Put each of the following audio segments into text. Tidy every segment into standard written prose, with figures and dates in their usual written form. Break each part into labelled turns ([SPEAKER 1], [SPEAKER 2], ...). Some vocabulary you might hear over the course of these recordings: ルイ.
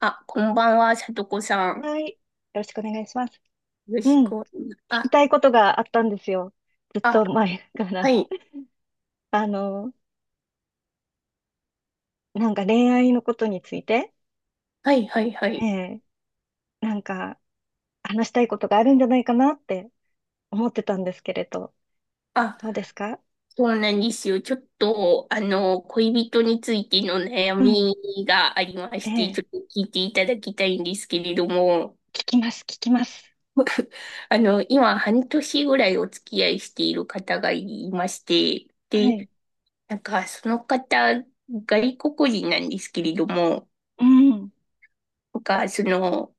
[SPEAKER 1] あ、こんばんは、さとこさん。よ
[SPEAKER 2] はい。よろしくお願いします。
[SPEAKER 1] ろ
[SPEAKER 2] う
[SPEAKER 1] し
[SPEAKER 2] ん。
[SPEAKER 1] く
[SPEAKER 2] 聞
[SPEAKER 1] お願い。
[SPEAKER 2] き
[SPEAKER 1] あ、
[SPEAKER 2] たいことがあったんですよ。ずっ
[SPEAKER 1] あ、
[SPEAKER 2] と前か
[SPEAKER 1] は
[SPEAKER 2] ら。
[SPEAKER 1] い、
[SPEAKER 2] あの、なんか恋愛のことについて、
[SPEAKER 1] はい、はい、は
[SPEAKER 2] え
[SPEAKER 1] い。
[SPEAKER 2] え、なんか話したいことがあるんじゃないかなって思ってたんですけれど、
[SPEAKER 1] あ、
[SPEAKER 2] どうですか？
[SPEAKER 1] そうなんですよ。ちょっと、恋人についての悩
[SPEAKER 2] うん。
[SPEAKER 1] みがありま
[SPEAKER 2] え
[SPEAKER 1] して、
[SPEAKER 2] え、
[SPEAKER 1] ちょっと聞いていただきたいんですけれども、
[SPEAKER 2] 聞きます、聞きます。
[SPEAKER 1] 今、半年ぐらいお付き合いしている方がいまして、
[SPEAKER 2] はい。
[SPEAKER 1] で、なんか、その方、外国人なんですけれども、
[SPEAKER 2] うん。
[SPEAKER 1] なんか、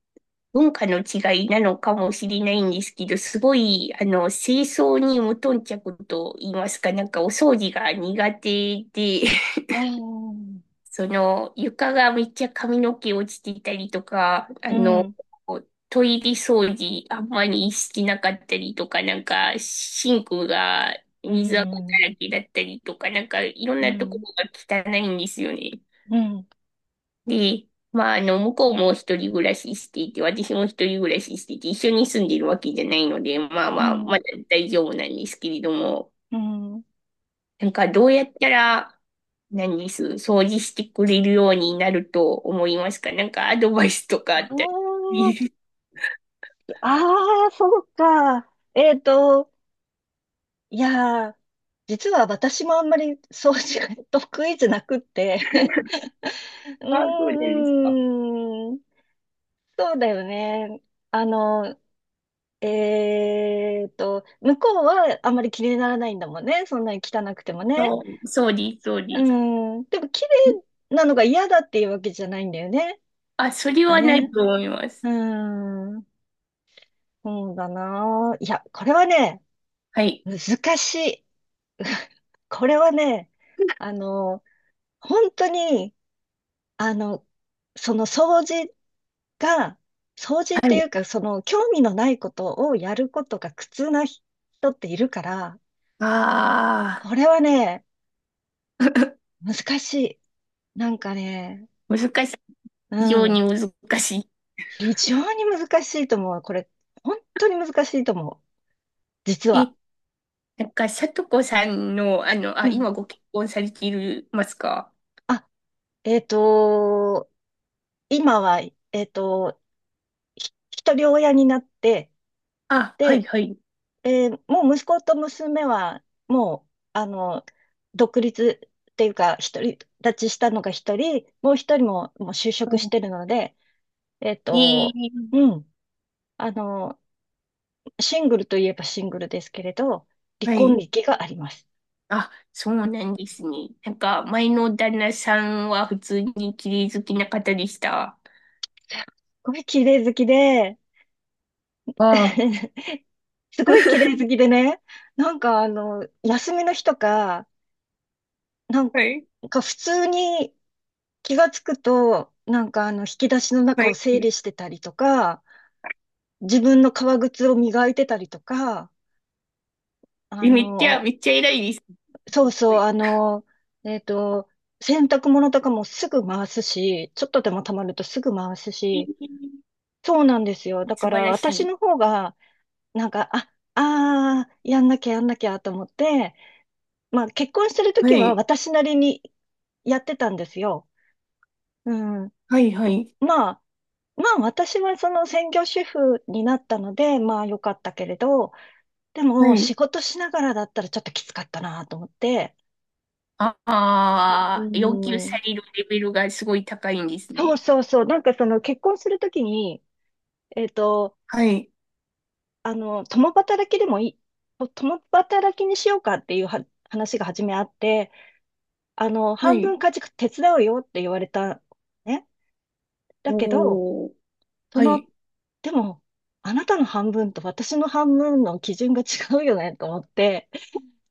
[SPEAKER 1] 文化の違いなのかもしれないんですけど、すごい、清掃に無頓着と言いますか、なんかお掃除が苦手で、
[SPEAKER 2] ああ、うん。
[SPEAKER 1] その、床がめっちゃ髪の毛落ちてたりとか、
[SPEAKER 2] うん。
[SPEAKER 1] トイレ掃除あんまりしてなかったりとか、なんか、シンクが
[SPEAKER 2] う
[SPEAKER 1] 水垢
[SPEAKER 2] ん。
[SPEAKER 1] だらけだったりとか、なんか、いろん
[SPEAKER 2] う
[SPEAKER 1] なとこ
[SPEAKER 2] ん。
[SPEAKER 1] ろが汚いんですよね。
[SPEAKER 2] うん。
[SPEAKER 1] で、まあ、向こうも一人暮らししていて、私も一人暮らししていて、一緒に住んでるわけじゃないので、まあ
[SPEAKER 2] う
[SPEAKER 1] まあ、ま
[SPEAKER 2] ん。
[SPEAKER 1] だ大丈夫なんですけれども、
[SPEAKER 2] うん。
[SPEAKER 1] なんかどうやったら、何です、掃除してくれるようになると思いますか？なんかアドバイスとか
[SPEAKER 2] あ
[SPEAKER 1] あったり。
[SPEAKER 2] あ、ああ、そうか。いやー、実は私もあんまり掃除が 得意じゃなくって う
[SPEAKER 1] あ、そうです。
[SPEAKER 2] ーん、そうだよね。あの、向こうはあんまり気にならないんだもんね。そんなに汚くてもね。
[SPEAKER 1] そう、そうです、そう
[SPEAKER 2] う
[SPEAKER 1] です。
[SPEAKER 2] ん、でも綺麗なのが嫌だっていうわけじゃないんだよね。
[SPEAKER 1] あ、それ
[SPEAKER 2] だ
[SPEAKER 1] はない
[SPEAKER 2] ね。
[SPEAKER 1] と思います。
[SPEAKER 2] うーん、そうだな。いや、これはね、
[SPEAKER 1] はい。
[SPEAKER 2] 難しい。これはね、あの、本当に、あの、その掃除が、掃除っ
[SPEAKER 1] は
[SPEAKER 2] てい
[SPEAKER 1] い。
[SPEAKER 2] うか、その興味のないことをやることが苦痛な人っているから、
[SPEAKER 1] あ
[SPEAKER 2] こ
[SPEAKER 1] あ、
[SPEAKER 2] れはね、難しい。なんかね、
[SPEAKER 1] 難しい。
[SPEAKER 2] う
[SPEAKER 1] 非常に
[SPEAKER 2] ん、
[SPEAKER 1] 難しい。
[SPEAKER 2] 非常に難しいと思う。これ、本当に難しいと思う。実は。
[SPEAKER 1] え、なんか、さとこさんの、あ、
[SPEAKER 2] うん。
[SPEAKER 1] 今ご結婚されているますか？
[SPEAKER 2] あ、えっと、今は、えっと、一人親になって、
[SPEAKER 1] あ、はい、
[SPEAKER 2] で、
[SPEAKER 1] はい。
[SPEAKER 2] もう息子と娘は、もう、独立っていうか、独り立ちしたのが一人、もう一人も、もう就
[SPEAKER 1] う
[SPEAKER 2] 職し
[SPEAKER 1] ん、
[SPEAKER 2] てるので、えっ
[SPEAKER 1] え
[SPEAKER 2] と、
[SPEAKER 1] え、
[SPEAKER 2] うん、あの、シングルといえばシングルですけれど、離
[SPEAKER 1] は
[SPEAKER 2] 婚
[SPEAKER 1] い。
[SPEAKER 2] 歴があります。す
[SPEAKER 1] あ、そうなんですね。なんか、前の旦那さんは普通に綺麗好きな方でした？
[SPEAKER 2] ごい綺麗好きで、
[SPEAKER 1] ああ。
[SPEAKER 2] すごい綺麗好きでね、なんか休みの日とか、なん
[SPEAKER 1] はい、
[SPEAKER 2] か普通に気がつくと、なんか引き出しの
[SPEAKER 1] は
[SPEAKER 2] 中を整理し
[SPEAKER 1] い。
[SPEAKER 2] てたりとか、自分の革靴を磨いてたりとか、あ
[SPEAKER 1] え、めっちゃ、
[SPEAKER 2] の、
[SPEAKER 1] めっちゃ偉いです。
[SPEAKER 2] そう
[SPEAKER 1] すご
[SPEAKER 2] そう、
[SPEAKER 1] い、
[SPEAKER 2] えっと、洗濯物とかもすぐ回すし、ちょっとでも溜まるとすぐ回すし、
[SPEAKER 1] え
[SPEAKER 2] そうなんですよ。
[SPEAKER 1] え、
[SPEAKER 2] だ
[SPEAKER 1] 素
[SPEAKER 2] か
[SPEAKER 1] 晴
[SPEAKER 2] ら
[SPEAKER 1] らし
[SPEAKER 2] 私の
[SPEAKER 1] い。
[SPEAKER 2] 方が、なんか、やんなきゃやんなきゃと思って、まあ結婚してる
[SPEAKER 1] は
[SPEAKER 2] 時は
[SPEAKER 1] い、
[SPEAKER 2] 私なりにやってたんですよ。うん。
[SPEAKER 1] はい、はい、
[SPEAKER 2] まあ、まあ私はその専業主婦になったので、まあ良かったけれど、で
[SPEAKER 1] は
[SPEAKER 2] も、
[SPEAKER 1] い。
[SPEAKER 2] 仕事しながらだったらちょっときつかったなと思って、
[SPEAKER 1] あ
[SPEAKER 2] う
[SPEAKER 1] あ、要求さ
[SPEAKER 2] ん、
[SPEAKER 1] れるレベルがすごい高いんです
[SPEAKER 2] そう
[SPEAKER 1] ね。
[SPEAKER 2] そうそう、なんかその結婚するときに、えっと、
[SPEAKER 1] はい、
[SPEAKER 2] 共働きでもいい、共働きにしようかっていうは話が初めあって、
[SPEAKER 1] は
[SPEAKER 2] 半
[SPEAKER 1] い。
[SPEAKER 2] 分家事手伝うよって言われた、ね。だけど、
[SPEAKER 1] おー。
[SPEAKER 2] そ
[SPEAKER 1] はい。
[SPEAKER 2] の、でも、あなたの半分と私の半分の基準が違うよねと思って、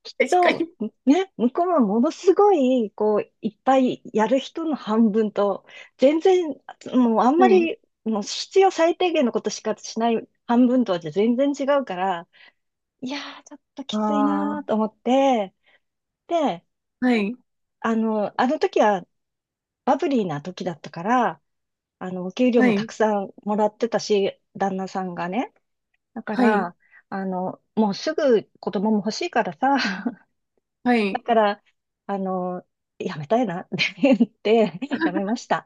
[SPEAKER 2] きっ
[SPEAKER 1] 確か
[SPEAKER 2] と、
[SPEAKER 1] に。
[SPEAKER 2] ね、向こうはものすごい、いっぱいやる人の半分と、全然、もうあん
[SPEAKER 1] は
[SPEAKER 2] ま
[SPEAKER 1] い。
[SPEAKER 2] り、もう必要最低限のことしかしない半分とはじゃ全然違うから、いやー、ちょっときつい
[SPEAKER 1] あ
[SPEAKER 2] な
[SPEAKER 1] あ、
[SPEAKER 2] ーと思って、で、
[SPEAKER 1] はい、
[SPEAKER 2] あの時はバブリーな時だったから、お給料
[SPEAKER 1] は
[SPEAKER 2] もた
[SPEAKER 1] い、
[SPEAKER 2] くさんもらってたし、旦那さんがね。だか
[SPEAKER 1] はい、
[SPEAKER 2] ら、もうすぐ子供も欲しいからさ、
[SPEAKER 1] は
[SPEAKER 2] だ
[SPEAKER 1] い、
[SPEAKER 2] から、あの、やめたいな って言って、やめ ました。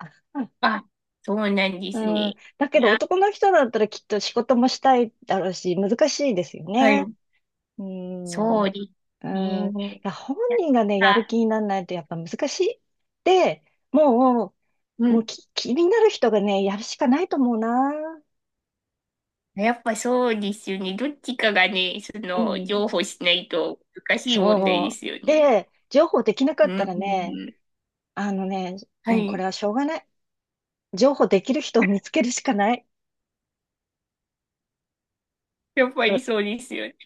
[SPEAKER 1] あ、そうなんですね。
[SPEAKER 2] うん。
[SPEAKER 1] い
[SPEAKER 2] だけど
[SPEAKER 1] や、
[SPEAKER 2] 男の人だったらきっと仕事もしたいだろうし、難しいですよ
[SPEAKER 1] はい。
[SPEAKER 2] ね。うん。う
[SPEAKER 1] そ
[SPEAKER 2] ん。い
[SPEAKER 1] うですね。
[SPEAKER 2] や、本
[SPEAKER 1] やっ
[SPEAKER 2] 人がね、やる
[SPEAKER 1] た、
[SPEAKER 2] 気にならないとやっぱ難しい。で、もう、
[SPEAKER 1] う
[SPEAKER 2] もう
[SPEAKER 1] ん。
[SPEAKER 2] き気になる人がね、やるしかないと思うな。
[SPEAKER 1] やっぱそうですよね。どっちかがね、そ
[SPEAKER 2] う
[SPEAKER 1] の、
[SPEAKER 2] ん。
[SPEAKER 1] 譲歩しないと難しい問題
[SPEAKER 2] そ
[SPEAKER 1] ですよ
[SPEAKER 2] う。
[SPEAKER 1] ね。
[SPEAKER 2] で、情報できなか
[SPEAKER 1] う
[SPEAKER 2] っ
[SPEAKER 1] ん。
[SPEAKER 2] たらね、
[SPEAKER 1] うん、
[SPEAKER 2] あのね、
[SPEAKER 1] は
[SPEAKER 2] もうこれ
[SPEAKER 1] い。
[SPEAKER 2] はしょうがない。情報できる人を見つけるしかない。
[SPEAKER 1] やっぱりそうですよね。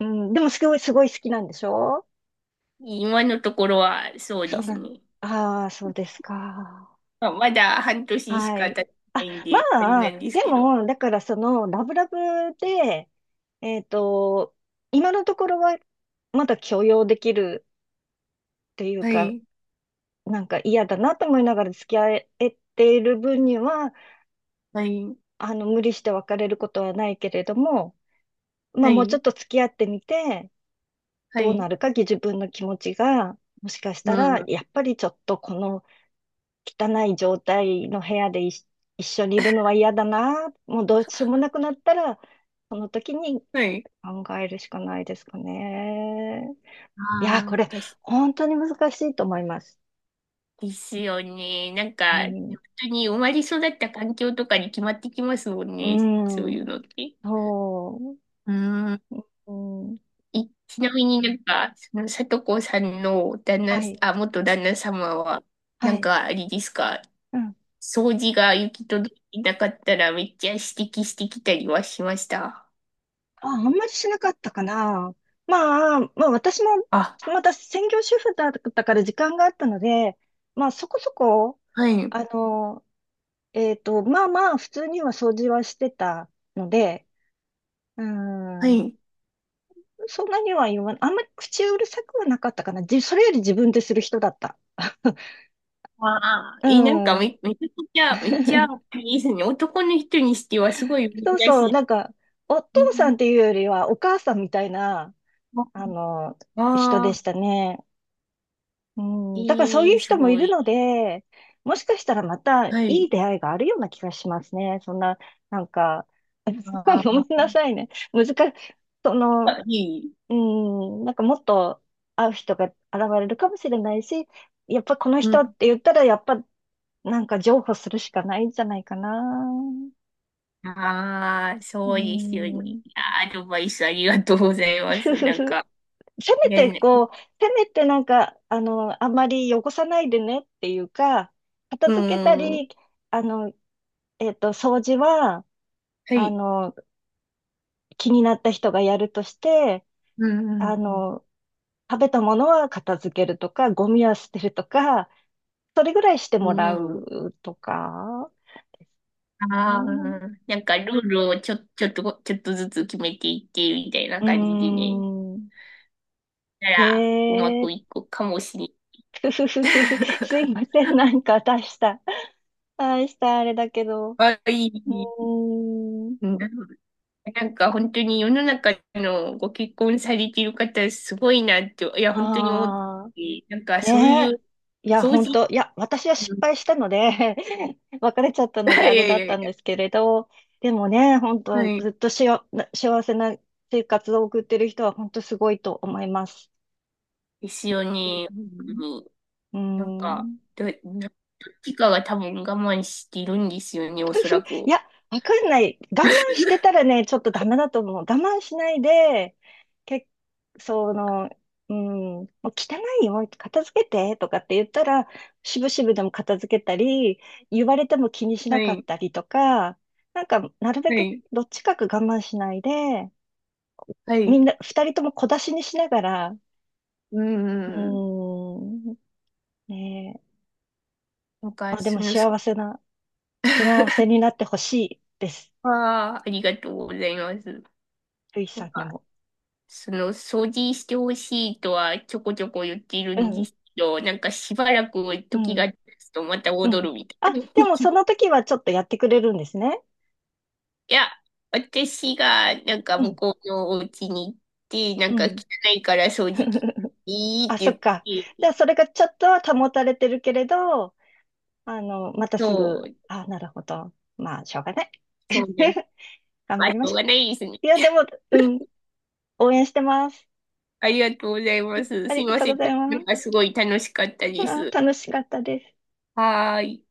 [SPEAKER 2] うん、でもすごい、すごい好きなんでしょ？
[SPEAKER 1] 今のところはそう
[SPEAKER 2] そ
[SPEAKER 1] で
[SPEAKER 2] う
[SPEAKER 1] す
[SPEAKER 2] なん、
[SPEAKER 1] ね。
[SPEAKER 2] ああ、そうですか。
[SPEAKER 1] まあ、まだ半年し
[SPEAKER 2] は
[SPEAKER 1] か
[SPEAKER 2] い。
[SPEAKER 1] 経って
[SPEAKER 2] あ、
[SPEAKER 1] ないん
[SPEAKER 2] ま
[SPEAKER 1] で、あれな
[SPEAKER 2] あ、
[SPEAKER 1] んです
[SPEAKER 2] で
[SPEAKER 1] けど。
[SPEAKER 2] も、だからラブラブで、えっと、今のところはまだ許容できるっていう
[SPEAKER 1] は
[SPEAKER 2] か、
[SPEAKER 1] い。
[SPEAKER 2] なんか嫌だなと思いながら付き合えている分には、
[SPEAKER 1] はい。
[SPEAKER 2] 無理して別れることはないけれども、ま
[SPEAKER 1] は
[SPEAKER 2] あ、もうち
[SPEAKER 1] い。
[SPEAKER 2] ょっと付き合ってみて、
[SPEAKER 1] は
[SPEAKER 2] どうな
[SPEAKER 1] い。
[SPEAKER 2] るか、自分の気持ちが、もしかし
[SPEAKER 1] う
[SPEAKER 2] たら、
[SPEAKER 1] ん。
[SPEAKER 2] やっぱりちょっとこの、汚い状態の部屋で一緒にいるのは嫌だな。もうどうしようもなくなったら、その時に
[SPEAKER 1] はい。
[SPEAKER 2] 考えるしかないですかね。いや、
[SPEAKER 1] あ
[SPEAKER 2] これ、
[SPEAKER 1] あ、です
[SPEAKER 2] 本当に難しいと思います。
[SPEAKER 1] ですよね。なん
[SPEAKER 2] う
[SPEAKER 1] か、本
[SPEAKER 2] ん。
[SPEAKER 1] 当に生まれ育った環境とかに決まってきますもん
[SPEAKER 2] う
[SPEAKER 1] ね。そうい
[SPEAKER 2] ん。
[SPEAKER 1] うのって。
[SPEAKER 2] そ
[SPEAKER 1] うん。
[SPEAKER 2] う。うん。
[SPEAKER 1] いちなみになんか、その、さとこさんの旦那、
[SPEAKER 2] はい。
[SPEAKER 1] あ、元旦那様は、な
[SPEAKER 2] は
[SPEAKER 1] ん
[SPEAKER 2] い。
[SPEAKER 1] か、あれですか、
[SPEAKER 2] うん。
[SPEAKER 1] 掃除が行き届いてなかったらめっちゃ指摘してきたりはしました？
[SPEAKER 2] あ、あんまりしなかったかな。まあ、私も、
[SPEAKER 1] あ、
[SPEAKER 2] また専業主婦だったから時間があったので、まあ、そこそこ、
[SPEAKER 1] はい。
[SPEAKER 2] あの、まあまあ、普通には掃除はしてたので、う
[SPEAKER 1] は
[SPEAKER 2] ん、
[SPEAKER 1] い。
[SPEAKER 2] そんなには言わない。あんまり口うるさくはなかったかな。それより自分でする人だった。
[SPEAKER 1] ああ、
[SPEAKER 2] う
[SPEAKER 1] いい、なんか
[SPEAKER 2] ん。
[SPEAKER 1] めちゃくちゃ、めっちゃ いいですね。男の人にしてはすごい
[SPEAKER 2] そう
[SPEAKER 1] 珍
[SPEAKER 2] そう、
[SPEAKER 1] しい。
[SPEAKER 2] なんか、お
[SPEAKER 1] え
[SPEAKER 2] 父さ
[SPEAKER 1] ー
[SPEAKER 2] んっていうよりは、お母さんみたいな、あの、人
[SPEAKER 1] あ
[SPEAKER 2] で
[SPEAKER 1] あ、
[SPEAKER 2] したね。うん、だからそう
[SPEAKER 1] え
[SPEAKER 2] いう
[SPEAKER 1] え、す
[SPEAKER 2] 人もい
[SPEAKER 1] ご
[SPEAKER 2] る
[SPEAKER 1] い。
[SPEAKER 2] ので、もしかしたらまたい
[SPEAKER 1] は
[SPEAKER 2] い
[SPEAKER 1] い。
[SPEAKER 2] 出会いがあるような気がしますね。そんな、なんか、
[SPEAKER 1] あ
[SPEAKER 2] ごめ
[SPEAKER 1] あ、
[SPEAKER 2] んなさいね。難しい、その、
[SPEAKER 1] いい。
[SPEAKER 2] うん、なんかもっと会う人が現れるかもしれないし、やっぱこの
[SPEAKER 1] う
[SPEAKER 2] 人っ
[SPEAKER 1] ん。
[SPEAKER 2] て言ったら、やっぱなんか譲歩するしかないんじゃないかな。
[SPEAKER 1] ああ、
[SPEAKER 2] う
[SPEAKER 1] そうですよね。
[SPEAKER 2] ん。
[SPEAKER 1] あーアドバイスありがとうございます。なんか、
[SPEAKER 2] せめて
[SPEAKER 1] ね、
[SPEAKER 2] こう、せめてなんか、あんまり汚さないでねっていうか、片
[SPEAKER 1] う
[SPEAKER 2] 付けた
[SPEAKER 1] ん。は
[SPEAKER 2] り、あの、掃除は、あ
[SPEAKER 1] い。
[SPEAKER 2] の、気になった人がやるとして、
[SPEAKER 1] う
[SPEAKER 2] あ
[SPEAKER 1] ん。うん。
[SPEAKER 2] の、食べたものは片付けるとか、ゴミは捨てるとか、それぐらいしても
[SPEAKER 1] う
[SPEAKER 2] ら
[SPEAKER 1] ん。
[SPEAKER 2] うとかです
[SPEAKER 1] ああ
[SPEAKER 2] ね。
[SPEAKER 1] ー、なんかルールをちょっと、ちょっとずつ決めていって、みたいな
[SPEAKER 2] うー
[SPEAKER 1] 感じでね。
[SPEAKER 2] ん。
[SPEAKER 1] た
[SPEAKER 2] へ
[SPEAKER 1] らうま
[SPEAKER 2] え、
[SPEAKER 1] くいくかもしれ
[SPEAKER 2] ふふふふふ。すいません。なんか出した。出したあれだけど。う
[SPEAKER 1] ない。はい。
[SPEAKER 2] ーん。
[SPEAKER 1] うん。ない。なんか本当に世の中のご結婚されている方すごいなって、いや本当に思っ
[SPEAKER 2] ああ。
[SPEAKER 1] て、なんかそうい
[SPEAKER 2] ねえ。
[SPEAKER 1] う
[SPEAKER 2] いや、
[SPEAKER 1] 掃除、
[SPEAKER 2] 私は
[SPEAKER 1] う
[SPEAKER 2] 失
[SPEAKER 1] ん
[SPEAKER 2] 敗したので 別れちゃった
[SPEAKER 1] い
[SPEAKER 2] ので
[SPEAKER 1] や
[SPEAKER 2] あれだ
[SPEAKER 1] い
[SPEAKER 2] っ
[SPEAKER 1] や
[SPEAKER 2] た
[SPEAKER 1] い
[SPEAKER 2] ん
[SPEAKER 1] や、
[SPEAKER 2] ですけれど、でもね、本
[SPEAKER 1] は
[SPEAKER 2] 当
[SPEAKER 1] い。
[SPEAKER 2] ずっとしよ、な幸せな生活を送ってる人は本当すごいと思います。
[SPEAKER 1] ですよね。本
[SPEAKER 2] う
[SPEAKER 1] 当
[SPEAKER 2] ん。
[SPEAKER 1] に。
[SPEAKER 2] う
[SPEAKER 1] なんか、
[SPEAKER 2] ん。
[SPEAKER 1] どっちかが多分我慢しているんですよね、おそら
[SPEAKER 2] い
[SPEAKER 1] く。
[SPEAKER 2] や、わかんない。我慢してたらね、ちょっとダメだと思う。我慢しないで、け、その、うん、もう汚いよ、片付けてとかって言ったら、しぶしぶでも片付けたり、言われても気にしな
[SPEAKER 1] は
[SPEAKER 2] かっ
[SPEAKER 1] い。
[SPEAKER 2] たりとか、なんか、なるべ
[SPEAKER 1] は
[SPEAKER 2] く
[SPEAKER 1] い。
[SPEAKER 2] どっちかく我慢しないで、
[SPEAKER 1] は
[SPEAKER 2] み
[SPEAKER 1] い。
[SPEAKER 2] んな、二人とも小出しにしながら、
[SPEAKER 1] うん。うん、
[SPEAKER 2] うん、ねえ、
[SPEAKER 1] なん
[SPEAKER 2] ま
[SPEAKER 1] か、
[SPEAKER 2] あで
[SPEAKER 1] そ
[SPEAKER 2] も
[SPEAKER 1] の、そ
[SPEAKER 2] 幸せ になってほしいです。
[SPEAKER 1] ああ、ありがとうございます。
[SPEAKER 2] ルイ
[SPEAKER 1] な
[SPEAKER 2] さ
[SPEAKER 1] ん
[SPEAKER 2] んに
[SPEAKER 1] か
[SPEAKER 2] も。
[SPEAKER 1] その掃除してほしいとはちょこちょこ言っている
[SPEAKER 2] う
[SPEAKER 1] んで
[SPEAKER 2] ん、
[SPEAKER 1] すけど、なんかしばらく
[SPEAKER 2] う
[SPEAKER 1] 時
[SPEAKER 2] ん。
[SPEAKER 1] が経つとまた
[SPEAKER 2] う
[SPEAKER 1] 戻
[SPEAKER 2] ん。
[SPEAKER 1] るみたい
[SPEAKER 2] あ、
[SPEAKER 1] な。
[SPEAKER 2] でもそ の時はちょっとやってくれるんですね。
[SPEAKER 1] いや、私がなんか
[SPEAKER 2] う
[SPEAKER 1] 向
[SPEAKER 2] ん。
[SPEAKER 1] こうのお家に行って、なん
[SPEAKER 2] う
[SPEAKER 1] か
[SPEAKER 2] ん。
[SPEAKER 1] 汚いから掃除機 いいっ
[SPEAKER 2] あ、そっ
[SPEAKER 1] て
[SPEAKER 2] か。
[SPEAKER 1] 言っ
[SPEAKER 2] じゃあ
[SPEAKER 1] て、
[SPEAKER 2] それがちょっとは保たれてるけれど、また
[SPEAKER 1] そ
[SPEAKER 2] すぐ、
[SPEAKER 1] う、
[SPEAKER 2] あ、なるほど。まあ、しょうがない。
[SPEAKER 1] そうね。
[SPEAKER 2] 頑
[SPEAKER 1] あ、
[SPEAKER 2] 張
[SPEAKER 1] し
[SPEAKER 2] りま
[SPEAKER 1] ょう
[SPEAKER 2] しょ
[SPEAKER 1] がないですね。
[SPEAKER 2] う。いや、でも、うん。応援してます。
[SPEAKER 1] ありがとうございます。
[SPEAKER 2] あ
[SPEAKER 1] す
[SPEAKER 2] り
[SPEAKER 1] い
[SPEAKER 2] が
[SPEAKER 1] ま
[SPEAKER 2] とう
[SPEAKER 1] せ
[SPEAKER 2] ご
[SPEAKER 1] ん。
[SPEAKER 2] ざい
[SPEAKER 1] な
[SPEAKER 2] ま
[SPEAKER 1] んか
[SPEAKER 2] す。
[SPEAKER 1] すごい楽しかったで
[SPEAKER 2] あ
[SPEAKER 1] す。
[SPEAKER 2] 楽しかったです。
[SPEAKER 1] はーい。